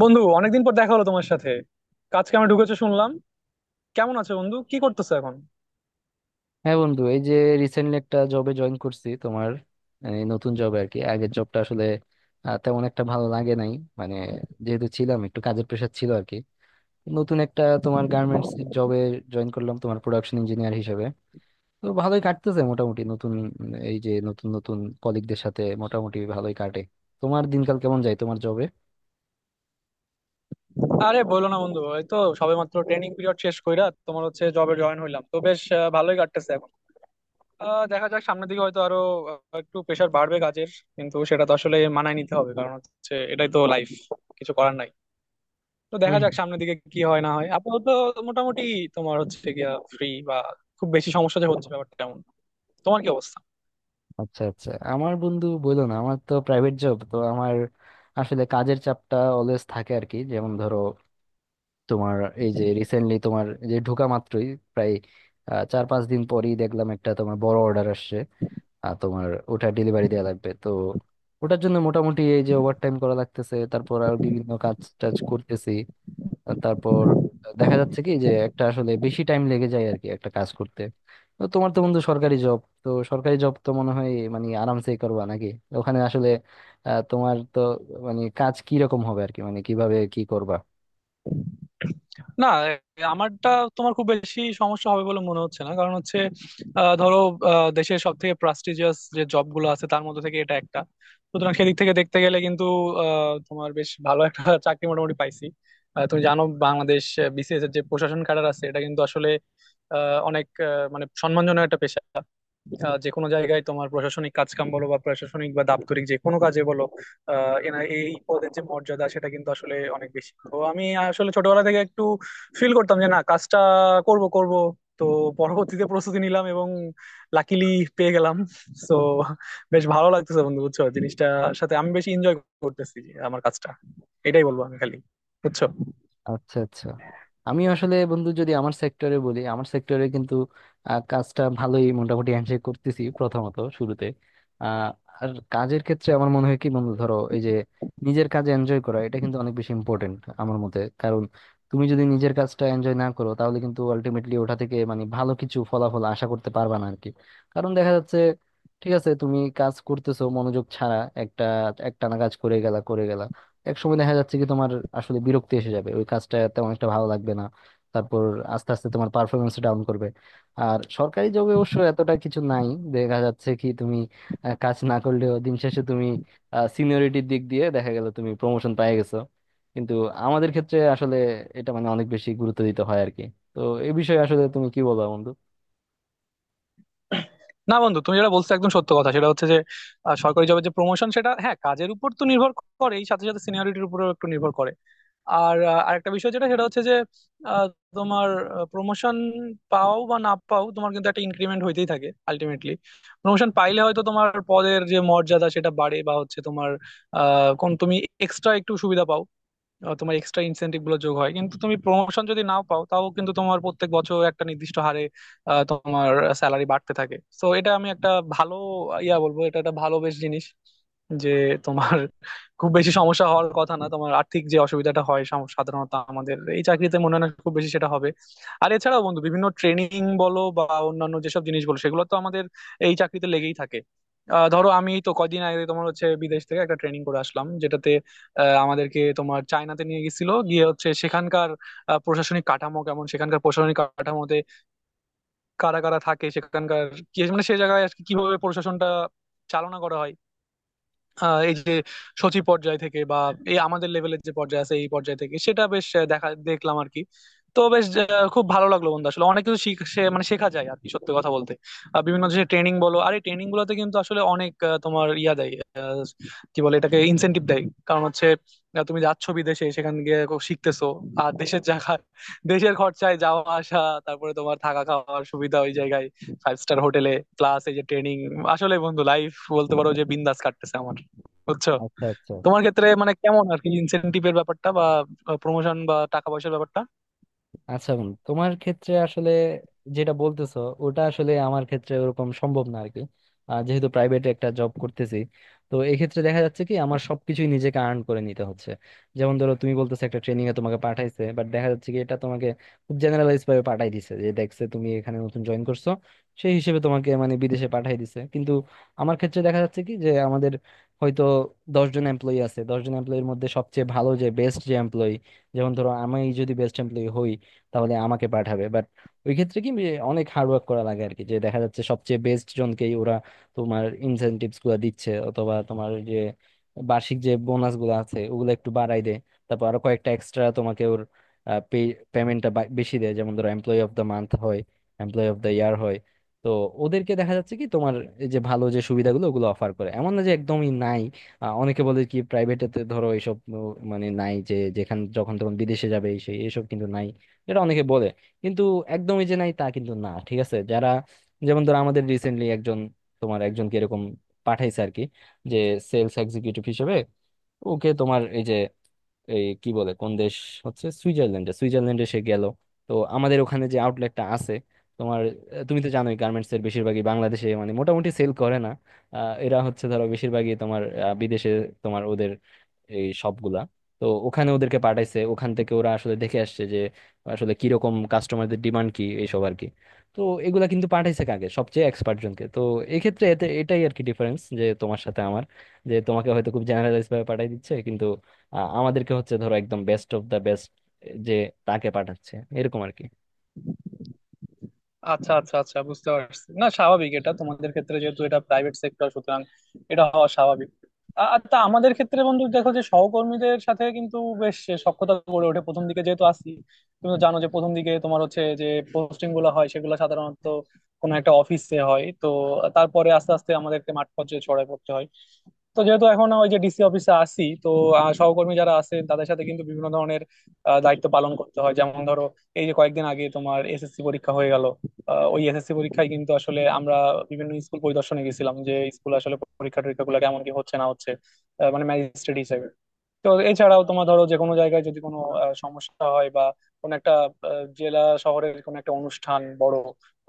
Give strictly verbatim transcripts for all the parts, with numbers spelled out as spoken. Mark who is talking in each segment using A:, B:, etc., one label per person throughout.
A: বন্ধু, অনেকদিন পর দেখা হলো তোমার সাথে। কাজ কামে ঢুকেছো শুনলাম। কেমন আছো বন্ধু, কি করতেছো এখন?
B: হ্যাঁ বন্ধু, এই যে রিসেন্টলি একটা জবে জয়েন করছি। তোমার এই নতুন জবে আর কি, আগের জবটা আসলে আহ, তেমন একটা ভালো লাগে নাই। মানে যেহেতু ছিলাম, একটু কাজের প্রেশার ছিল আর কি। নতুন একটা তোমার গার্মেন্টস এর জবে জয়েন করলাম তোমার প্রোডাকশন ইঞ্জিনিয়ার হিসেবে। তো ভালোই কাটতেছে মোটামুটি। নতুন উম, এই যে নতুন নতুন কলিগদের সাথে মোটামুটি ভালোই কাটে। তোমার দিনকাল কেমন যায় তোমার জবে?
A: আরে বলো না বন্ধু, এই তো সবেমাত্র ট্রেনিং পিরিয়ড শেষ কইরা তোমার হচ্ছে জবে জয়েন হইলাম। তো বেশ আহ, ভালোই কাটতেছে এখন। আহ, দেখা যাক, সামনের দিকে হয়তো আরো আহ, একটু প্রেশার বাড়বে কাজের। কিন্তু সেটা তো আসলে মানায় নিতে হবে, কারণ হচ্ছে এটাই তো লাইফ। কিছু করার নাই। তো দেখা
B: হুম।
A: যাক সামনের দিকে কি হয় না হয়। আপাতত মোটামুটি তোমার হচ্ছে গিয়া ফ্রি, বা খুব বেশি সমস্যা যে হচ্ছে ব্যাপারটা এমন। তোমার কি অবস্থা?
B: আচ্ছা আচ্ছা, আমার বন্ধু বললো না, আমার তো প্রাইভেট জব, তো আমার আসলে কাজের চাপটা অলওয়েজ থাকে আর কি। যেমন ধরো তোমার এই যে রিসেন্টলি, তোমার এই যে ঢোকা মাত্রই প্রায় আহ, চার পাঁচ দিন পরেই দেখলাম একটা তোমার বড় অর্ডার আসছে। আর তোমার ওটা ডেলিভারি দেওয়া লাগবে, তো ওটার জন্য মোটামুটি এই যে ওভার টাইম করা লাগতেছে, তারপর আর বিভিন্ন কাজ টাজ করতেছি। আর তারপর দেখা যাচ্ছে কি যে একটা আসলে বেশি টাইম লেগে যায় আর কি, একটা কাজ করতে। তো তোমার তো বন্ধু সরকারি জব, তো সরকারি জব তো মনে হয় মানে আরামসেই করবা নাকি? ওখানে আসলে আহ, তোমার তো মানে কাজ কি রকম হবে আর কি, মানে কিভাবে কি করবা?
A: না, আমারটা তোমার খুব বেশি সমস্যা হবে বলে মনে হচ্ছে না। কারণ হচ্ছে আহ, ধরো, আহ, দেশের সব থেকে প্রাস্টিজিয়াস যে জব গুলো আছে তার মধ্যে থেকে এটা একটা। সুতরাং সেদিক থেকে দেখতে গেলে কিন্তু আহ, তোমার বেশ ভালো একটা চাকরি মোটামুটি পাইছি। আহ, তুমি জানো, বাংলাদেশ বিসিএস এর যে প্রশাসন ক্যাডার আছে এটা কিন্তু আসলে আহ, অনেক আহ, মানে সম্মানজনক একটা পেশা। আহ যে কোনো জায়গায় তোমার প্রশাসনিক কাজকাম বলো, বা প্রশাসনিক বা দাপ্তরিক যে কোনো কাজে বলো, আহ এনা এই পদের যে মর্যাদা সেটা কিন্তু আসলে অনেক বেশি। তো আমি আসলে ছোটবেলা থেকে একটু ফিল করতাম যে না, কাজটা করব করব। তো পরবর্তীতে প্রস্তুতি নিলাম এবং লাকিলি পেয়ে গেলাম। তো বেশ ভালো লাগতেছে বন্ধু, বুঝছো, জিনিসটার সাথে আমি বেশি এনজয় করতেছি আমার কাজটা। এটাই বলবো আমি খালি, বুঝছো।
B: আচ্ছা আচ্ছা। আমি আসলে বন্ধু, যদি আমার সেক্টরে বলি, আমার সেক্টরে কিন্তু আহ, কাজটা ভালোই মোটামুটি হ্যান্ডশেক করতেছি প্রথমত শুরুতে। আহ, আর কাজের ক্ষেত্রে আমার মনে হয় কি বন্ধু, ধরো এই যে নিজের কাজে এনজয় করা, এটা কিন্তু অনেক বেশি ইম্পর্টেন্ট আমার মতে। কারণ তুমি যদি নিজের কাজটা এনজয় না করো, তাহলে কিন্তু আলটিমেটলি ওটা থেকে মানে ভালো কিছু ফলাফল আশা করতে পারবা না আর কি। কারণ দেখা যাচ্ছে, ঠিক আছে তুমি কাজ করতেছো মনোযোগ ছাড়া একটা, একটানা কাজ করে গেলা করে গেলা, এক সময় দেখা যাচ্ছে কি তোমার আসলে বিরক্তি এসে যাবে, ওই কাজটা তেমন একটা ভালো লাগবে না। তারপর আস্তে আস্তে তোমার পারফরমেন্স ডাউন করবে। আর সরকারি জবে অবশ্য এতটা কিছু নাই। দেখা যাচ্ছে কি তুমি আহ, কাজ না করলেও দিন শেষে তুমি সিনিয়রিটির দিক দিয়ে দেখা গেল তুমি প্রমোশন পেয়ে গেছো। কিন্তু আমাদের ক্ষেত্রে আসলে এটা মানে অনেক বেশি গুরুত্ব দিতে হয় আর কি। তো এই বিষয়ে আসলে তুমি কি বলো বন্ধু?
A: না বন্ধু, তুমি যেটা বলছো একদম সত্য কথা। সেটা হচ্ছে যে আহ, সরকারি জবের যে প্রমোশন সেটা হ্যাঁ কাজের উপর তো নির্ভর করেই, সাথে সাথে সিনিয়রিটির উপরেও একটু নির্ভর করে। আর আহ, আরেকটা বিষয় যেটা, সেটা হচ্ছে যে আহ, তোমার প্রমোশন পাও বা না পাও, তোমার কিন্তু একটা ইনক্রিমেন্ট হইতেই থাকে আলটিমেটলি। প্রমোশন পাইলে হয়তো তোমার পদের যে মর্যাদা সেটা বাড়ে, বা হচ্ছে তোমার আহ কোন তুমি এক্সট্রা একটু সুবিধা পাও, আহ, তোমার এক্সট্রা ইনসেন্টিভ গুলো যোগ হয়। কিন্তু তুমি প্রমোশন যদি নাও পাও, তাও কিন্তু তোমার প্রত্যেক বছর একটা নির্দিষ্ট হারে আহ, তোমার স্যালারি বাড়তে থাকে। তো এটা আমি একটা ভালো ইয়া বলবো, এটা একটা ভালো বেশ জিনিস। যে তোমার খুব বেশি সমস্যা হওয়ার কথা না, তোমার আর্থিক যে অসুবিধাটা হয় সাম- সাধারণত আমাদের এই চাকরিতে মনে হয় না খুব বেশি সেটা হবে। আর এছাড়াও বন্ধু, বিভিন্ন ট্রেনিং বলো বা অন্যান্য যেসব জিনিস বলো, সেগুলো তো আমাদের এই চাকরিতে লেগেই থাকে। আহ, ধরো, আমি তো কয়দিন আগে তোমার হচ্ছে বিদেশ থেকে একটা ট্রেনিং করে আসলাম, যেটাতে আহ, আমাদেরকে তোমার চায়নাতে নিয়ে গেছিল। গিয়ে হচ্ছে সেখানকার আহ, প্রশাসনিক কাঠামো কেমন, সেখানকার প্রশাসনিক কাঠামোতে কারা কারা থাকে, সেখানকার কি মানে সেই জায়গায় আর কি কিভাবে প্রশাসনটা চালনা করা হয়, আহ এই যে সচিব পর্যায় থেকে বা এই আমাদের লেভেলের যে পর্যায় আছে এই পর্যায় থেকে, সেটা বেশ আহ, দেখা দেখলাম আর কি। তো বেশ আহ, খুব ভালো লাগলো বন্ধু। আসলে অনেক কিছু শিখ- সে- মানে শেখা যায় আর কি, সত্যি কথা বলতে। আহ, বিভিন্ন যে ট্রেনিং বলো, আর এই ট্রেনিং গুলোতে কিন্তু আসলে অনেক আহ, তোমার ইয়া দেয়, আহ, কি বলে এটাকে, ইনসেনটিভ দেয়। কারণ হচ্ছে আহ, তুমি যাচ্ছ বিদেশে, সেখান গিয়ে খুব শিখতেছো, আর দেশের জায়গা, দেশের খরচায় যাওয়া আসা, তারপরে তোমার থাকা খাওয়ার সুবিধা ওই জায়গায় ফাইভ স্টার হোটেলে, প্লাস এই যে ট্রেনিং। আসলে বন্ধু লাইফ বলতে পারো যে বিন্দাস কাটতেছে আমার, বুঝছো।
B: আচ্ছা আচ্ছা।
A: তোমার ক্ষেত্রে মানে কেমন আর কি, ইনসেনটিভের ব্যাপারটা বা প্রমোশন বা টাকা পয়সার ব্যাপারটা?
B: আচ্ছা বোন, তোমার ক্ষেত্রে আসলে যেটা বলতেছো, ওটা আসলে আমার ক্ষেত্রে ওরকম সম্ভব না আরকি। আহ, যেহেতু প্রাইভেটে একটা জব করতেছি, তো এক্ষেত্রে দেখা যাচ্ছে কি আমার সবকিছুই নিজেকে আর্ন করে নিতে হচ্ছে। যেমন ধরো তুমি বলতেছো একটা ট্রেনিং এ তোমাকে পাঠাইছে, বাট দেখা যাচ্ছে কি এটা তোমাকে খুব জেনারেলাইজ ভাবে পাঠাই দিছে, যে দেখছে তুমি এখানে নতুন জয়েন করছো, সেই হিসেবে তোমাকে মানে বিদেশে পাঠাই দিছে। কিন্তু আমার ক্ষেত্রে দেখা যাচ্ছে কি যে আমাদের হয়তো দশজন এমপ্লয়ি আছে, দশজন এমপ্লয়ির মধ্যে সবচেয়ে ভালো যে বেস্ট যে এমপ্লয়ি, যেমন ধরো আমি যদি বেস্ট এমপ্লয়ি হই, তাহলে আমাকে পাঠাবে। বাট ওই ক্ষেত্রে কি এ, অনেক হার্ড ওয়ার্ক করা লাগে আর কি, যে দেখা যাচ্ছে সবচেয়ে বেস্ট জনকেই ওরা তোমার ইনসেনটিভস গুলো দিচ্ছে, অথবা তোমার ওই যে বার্ষিক যে বোনাস গুলো আছে ওগুলো একটু বাড়াই দেয়। তারপর আরো কয়েকটা এক্সট্রা তোমাকে ওর পেমেন্টটা বেশি দেয়। যেমন ধরো এমপ্লয়ি অফ দ্য মান্থ হয়, এমপ্লয়ি অফ দ্য ইয়ার হয়। তো ওদেরকে দেখা যাচ্ছে কি তোমার এই যে ভালো যে সুবিধাগুলো ওগুলো অফার করে, এমন না যে একদমই নাই। আহ, অনেকে বলে কি প্রাইভেটেতে ধরো এইসব উম, মানে নাই, যে যেখানে যখন তখন বিদেশে যাবে এই সেই এসব কিন্তু নাই, এটা অনেকে বলে। কিন্তু একদমই যে নাই তা কিন্তু না। ঠিক আছে, যারা যেমন ধরো আমাদের রিসেন্টলি একজন তোমার একজনকে এরকম পাঠাইছে আর কি, যে সেলস এক্সিকিউটিভ হিসেবে। ওকে তোমার এই যে এই কি বলে কোন দেশ হচ্ছে সুইজারল্যান্ডে, সুইজারল্যান্ডে সে গেল। তো আমাদের ওখানে যে আউটলেটটা আছে তোমার, আহ, তুমি তো জানোই গার্মেন্টস এর বেশিরভাগই বাংলাদেশে মানে মোটামুটি সেল করে না। আহ, এরা হচ্ছে ধরো বেশিরভাগই তোমার আহ, বিদেশে তোমার ওদের এই সবগুলা। তো ওখানে ওদেরকে পাঠাইছে, ওখান থেকে ওরা আসলে দেখে আসছে যে আসলে কিরকম কাস্টমারদের ডিমান্ড কি এইসব আর কি। তো এগুলা কিন্তু পাঠাইছে কাকে, সবচেয়ে এক্সপার্ট জনকে। তো এক্ষেত্রে এতে এটাই আর কি ডিফারেন্স যে তোমার সাথে আমার, যে তোমাকে হয়তো খুব জেনারেলাইজ ভাবে পাঠিয়ে দিচ্ছে, কিন্তু আহ, আমাদেরকে হচ্ছে ধরো একদম বেস্ট অফ দা বেস্ট যে, তাকে পাঠাচ্ছে এরকম আর কি।
A: আচ্ছা আচ্ছা আচ্ছা, বুঝতে পারছি। না, স্বাভাবিক, এটা তোমাদের ক্ষেত্রে যেহেতু এটা প্রাইভেট সেক্টর, সুতরাং এটা হওয়া স্বাভাবিক। আ- আর তা আমাদের ক্ষেত্রে বন্ধু, দেখো যে সহকর্মীদের সাথে কিন্তু বেশ সখ্যতা গড়ে ওঠে। প্রথম দিকে যেহেতু আসি, তুমি তো জানো যে প্রথম দিকে তোমার হচ্ছে যে পোস্টিং গুলো হয় সেগুলো সাধারণত কোনো একটা অফিসে হয়। তো তারপরে আস্তে আস্তে আমাদেরকে মাঠ পর্যায়ে ছড়ায় পড়তে হয়। তো যেহেতু এখন ওই যে ডিসি অফিসে আসি, তো আহ, সহকর্মী যারা আছেন তাদের সাথে কিন্তু বিভিন্ন ধরনের আহ, দায়িত্ব পালন করতে হয়। যেমন ধরো, এই যে কয়েকদিন আগে তোমার এসএসসি পরীক্ষা হয়ে গেল, ওই এসএসসি পরীক্ষায় কিন্তু আসলে আমরা বিভিন্ন স্কুল পরিদর্শনে গেছিলাম যে স্কুল আসলে পরীক্ষা টরীক্ষা গুলো কেমন, কি হচ্ছে না হচ্ছে, আহ, মানে ম্যাজিস্ট্রেট হিসেবে। তো এছাড়াও তোমার, ধরো যে কোনো জায়গায় যদি কোনো আহ, সমস্যা হয় বা কোনো একটা আহ, জেলা শহরের কোনো একটা অনুষ্ঠান বড়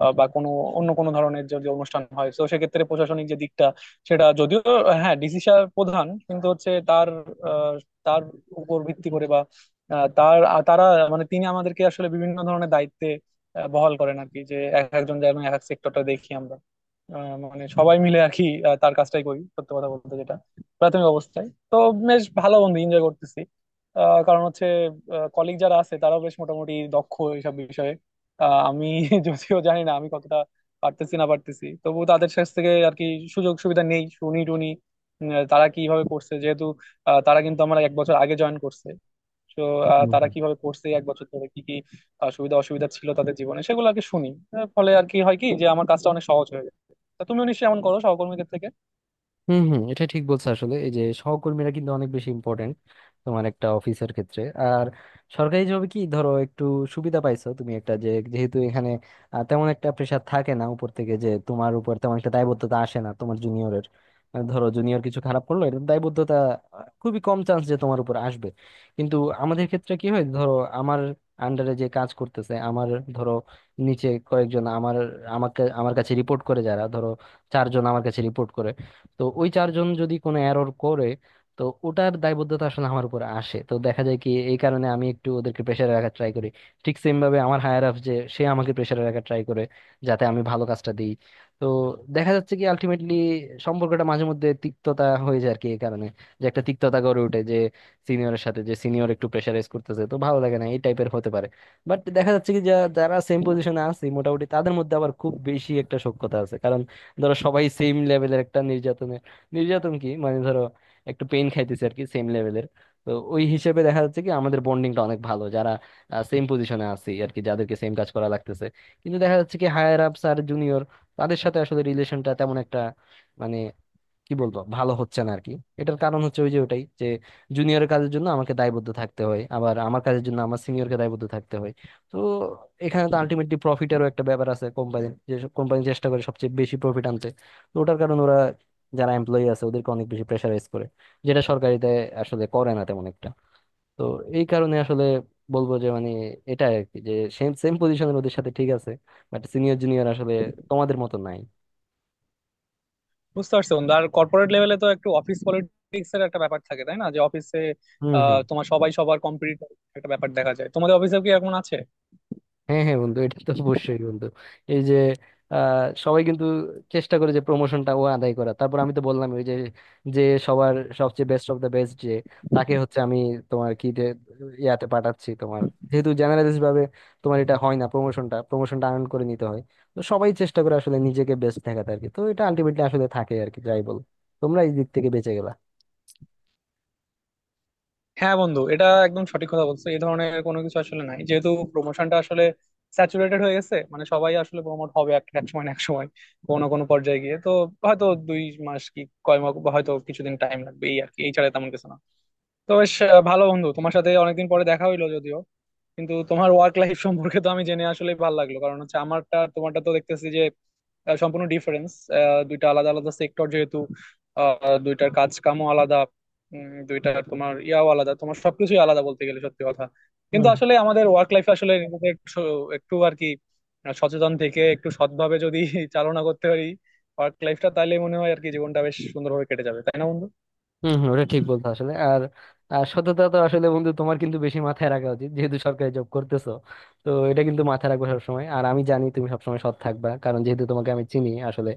A: আহ, বা কোনো অন্য কোনো ধরনের যদি অনুষ্ঠান হয়, তো সেক্ষেত্রে প্রশাসনিক যে দিকটা, সেটা যদিও আহ, হ্যাঁ ডিসি সাহেব প্রধান, কিন্তু হচ্ছে তার আহ, তার উপর ভিত্তি করে বা আহ, তার আ- তারা মানে তিনি আমাদেরকে আসলে বিভিন্ন ধরনের দায়িত্বে আহ, বহাল করেন আর কি, যে এক একজন যেন এক এক সেক্টরটা দেখি আমরা, আহ, মানে সবাই মিলে আর কি আহ, তার কাজটাই করি, সত্যি কথা বলতে, যেটা প্রাথমিক অবস্থায়। তো বেশ ভালো বন্ধু, এনজয় করতেছি। আহ, কারণ হচ্ছে কলিগ যারা আছে তারাও বেশ মোটামুটি দক্ষ এইসব বিষয়ে। আহ, আমি যদিও জানি না আমি কতটা পারতেছি না পারতেছি, তবু তাদের কাছ থেকে আর কি সুযোগ সুবিধা নেই, শুনি টুনি উম, তারা কিভাবে করছে, যেহেতু আহ, তারা কিন্তু আমার এক বছর আগে জয়েন করছে। তো আহ, তারা কিভাবে করছে এক বছর ধরে, কি কি আহ, সুবিধা অসুবিধা ছিল তাদের জীবনে সেগুলো আর কি শুনি। আহ, ফলে আর কি হয় কি, যে আমার কাজটা অনেক সহজ হয়ে যায়। তা তুমিও নিশ্চয়ই এমন করো সহকর্মীদের থেকে?
B: হম হম, এটা ঠিক বলছো আসলে। এই যে সহকর্মীরা কিন্তু অনেক বেশি ইম্পর্টেন্ট তোমার একটা অফিসের ক্ষেত্রে। আর সরকারি জবে কি ধরো একটু সুবিধা পাইছো তুমি একটা, যে যেহেতু এখানে আহ, তেমন একটা প্রেশার থাকে না উপর থেকে, যে তোমার উপর তেমন একটা দায়বদ্ধতা আসে না তোমার জুনিয়রের। ধরো জুনিয়র কিছু খারাপ করলো, এটা দায়বদ্ধতা আহ, খুবই কম চান্স যে তোমার উপর আসবে। কিন্তু আমাদের ক্ষেত্রে কি হয়, ধরো আমার আন্ডারে যে কাজ করতেছে আমার, ধরো নিচে কয়েকজন আমার আমাকে আমার কাছে রিপোর্ট করে, যারা ধরো চারজন আমার কাছে রিপোর্ট করে। তো ওই চারজন যদি কোনো এরর করে, তো ওটার দায়বদ্ধতা আসলে আমার উপর আসে। তো দেখা যায় কি এই কারণে আমি একটু ওদেরকে প্রেশারে রাখার ট্রাই করি। ঠিক সেম ভাবে আমার হায়ার আপ যে, সে আমাকে প্রেশারে রাখার ট্রাই করে, যাতে আমি ভালো কাজটা দিই। তো দেখা যাচ্ছে কি আলটিমেটলি সম্পর্কটা মাঝে মধ্যে তিক্ততা হয়ে যায় আর কি এই কারণে। যে একটা তিক্ততা গড়ে ওঠে, যে সিনিয়রের সাথে, যে সিনিয়র একটু প্রেশারাইজ করতেছে, তো ভালো লাগে না এই টাইপের হতে পারে। বাট দেখা যাচ্ছে কি যা- যারা সেম পজিশনে আছে মোটামুটি তাদের মধ্যে আবার খুব বেশি একটা সখ্যতা আছে। কারণ ধরো সবাই সেম লেভেলের একটা নির্যাতনে, নির্যাতন কি মানে, ধরো একটু পেন খাইতেছে আর কি সেম লেভেলের। তো ওই হিসেবে দেখা যাচ্ছে কি আমাদের বন্ডিংটা অনেক ভালো, যারা সেম পজিশনে আছি আর কি, যাদেরকে সেম কাজ করা লাগতেছে। কিন্তু দেখা যাচ্ছে কি হায়ার আপস আর জুনিয়র, তাদের সাথে আসলে রিলেশনটা তেমন একটা মানে কি বলবো, ভালো হচ্ছে না আর কি। এটার কারণ হচ্ছে ওই যে ওটাই, যে জুনিয়রের কাজের জন্য আমাকে দায়বদ্ধ থাকতে হয়, আবার আমার কাজের জন্য আমার সিনিয়রকে দায়বদ্ধ থাকতে হয়। তো এখানে তো আলটিমেটলি প্রফিটেরও একটা ব্যাপার আছে, কোম্পানি যেসব কোম্পানি চেষ্টা করে সবচেয়ে বেশি প্রফিট আনতে, তো ওটার কারণে ওরা যারা এমপ্লয়ি আছে ওদেরকে অনেক বেশি প্রেশারাইজ করে, যেটা সরকারিতে আসলে করে না তেমন একটা। তো এই কারণে আসলে বলবো যে, মানে এটা আর কি, যে সেম সেম পজিশনের ওদের সাথে ঠিক আছে, বাট সিনিয়র জুনিয়র আসলে তোমাদের মতো নাই।
A: বুঝতে পারছি বন্ধু। আর কর্পোরেট লেভেলে তো একটু অফিস পলিটিক্স এর একটা ব্যাপার থাকে, তাই না? যে অফিসে
B: হম।
A: তোমার সবাই সবার কম্পিটিটর, একটা ব্যাপার দেখা যায়। তোমাদের অফিসে কি এরকম আছে?
B: হ্যাঁ হ্যাঁ বন্ধু, এটা তো অবশ্যই বন্ধু। এই যে আহ, সবাই কিন্তু চেষ্টা করে যে প্রমোশনটা ও আদায় করা। তারপর আমি তো বললাম ওই যে, যে সবার সবচেয়ে বেস্ট অফ দ্য বেস্ট যে, তাকে হচ্ছে আমি তোমার কি যে ইয়াতে পাঠাচ্ছি তোমার, যেহেতু জেনারেলিস্ট ভাবে তোমার এটা হয় না, প্রমোশনটা প্রমোশনটা আর্ন করে নিতে হয়। তো সবাই চেষ্টা করে আসলে নিজেকে বেস্ট দেখাতে আর কি। তো এটা আলটিমেটলি আসলে থাকে আর কি, যাই বল তোমরা এই দিক থেকে বেঁচে গেলা।
A: হ্যাঁ বন্ধু, এটা একদম সঠিক কথা বলছো। এই ধরনের কোনো কিছু আসলে নাই, যেহেতু প্রমোশনটা আসলে স্যাচুরেটেড হয়ে গেছে, মানে সবাই আসলে প্রমোট হবে এক এক সময় না এক সময়, কোনো কোনো পর্যায়ে গিয়ে। তো হয়তো দুই মাস কি কয় মাস হয়তো কিছুদিন টাইম লাগবে, এই আর কি, এই ছাড়া তেমন কিছু না। তো বেশ আহ, ভালো বন্ধু, তোমার সাথে অনেকদিন পরে দেখা হইলো যদিও, কিন্তু তোমার ওয়ার্ক লাইফ সম্পর্কে তো আমি জেনে আসলে ভালো লাগলো। কারণ হচ্ছে আমারটা আর তোমারটা তো দেখতেছি যে আহ, সম্পূর্ণ ডিফারেন্স। দুইটা আলাদা আলাদা সেক্টর, যেহেতু আহ, দুইটার কাজ কামও আলাদা, উম, দুইটার তোমার ইয়াও আলাদা, তোমার সবকিছুই আলাদা বলতে গেলে, সত্যি কথা। কিন্তু আসলে আমাদের ওয়ার্ক লাইফ আসলে নিজেদের একটু, একটু আর কি, সচেতন থেকে একটু সৎভাবে যদি চালনা করতে পারি ওয়ার্ক লাইফটা, তাহলে মনে হয় আর কি জীবনটা বেশ সুন্দরভাবে কেটে যাবে, তাই না বন্ধু?
B: হম হম, ওটা ঠিক বলছো আসলে। আর আর সততা তো আসলে বন্ধু তোমার কিন্তু বেশি মাথায় রাখা উচিত, যেহেতু সরকারি জব করতেছো। তো এটা কিন্তু মাথায় রাখবে সবসময়। আর আমি জানি তুমি সবসময় সৎ থাকবা, কারণ যেহেতু তোমাকে আমি চিনি আসলে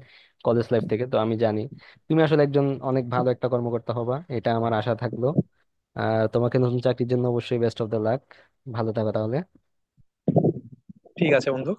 B: কলেজ লাইফ থেকে। তো আমি জানি তুমি আসলে একজন অনেক ভালো একটা কর্মকর্তা হবা, এটা আমার আশা থাকলো। আর তোমাকে নতুন চাকরির জন্য অবশ্যই বেস্ট অফ দ্য লাক। ভালো থাকো তাহলে।
A: ঠিক আছে বন্ধু।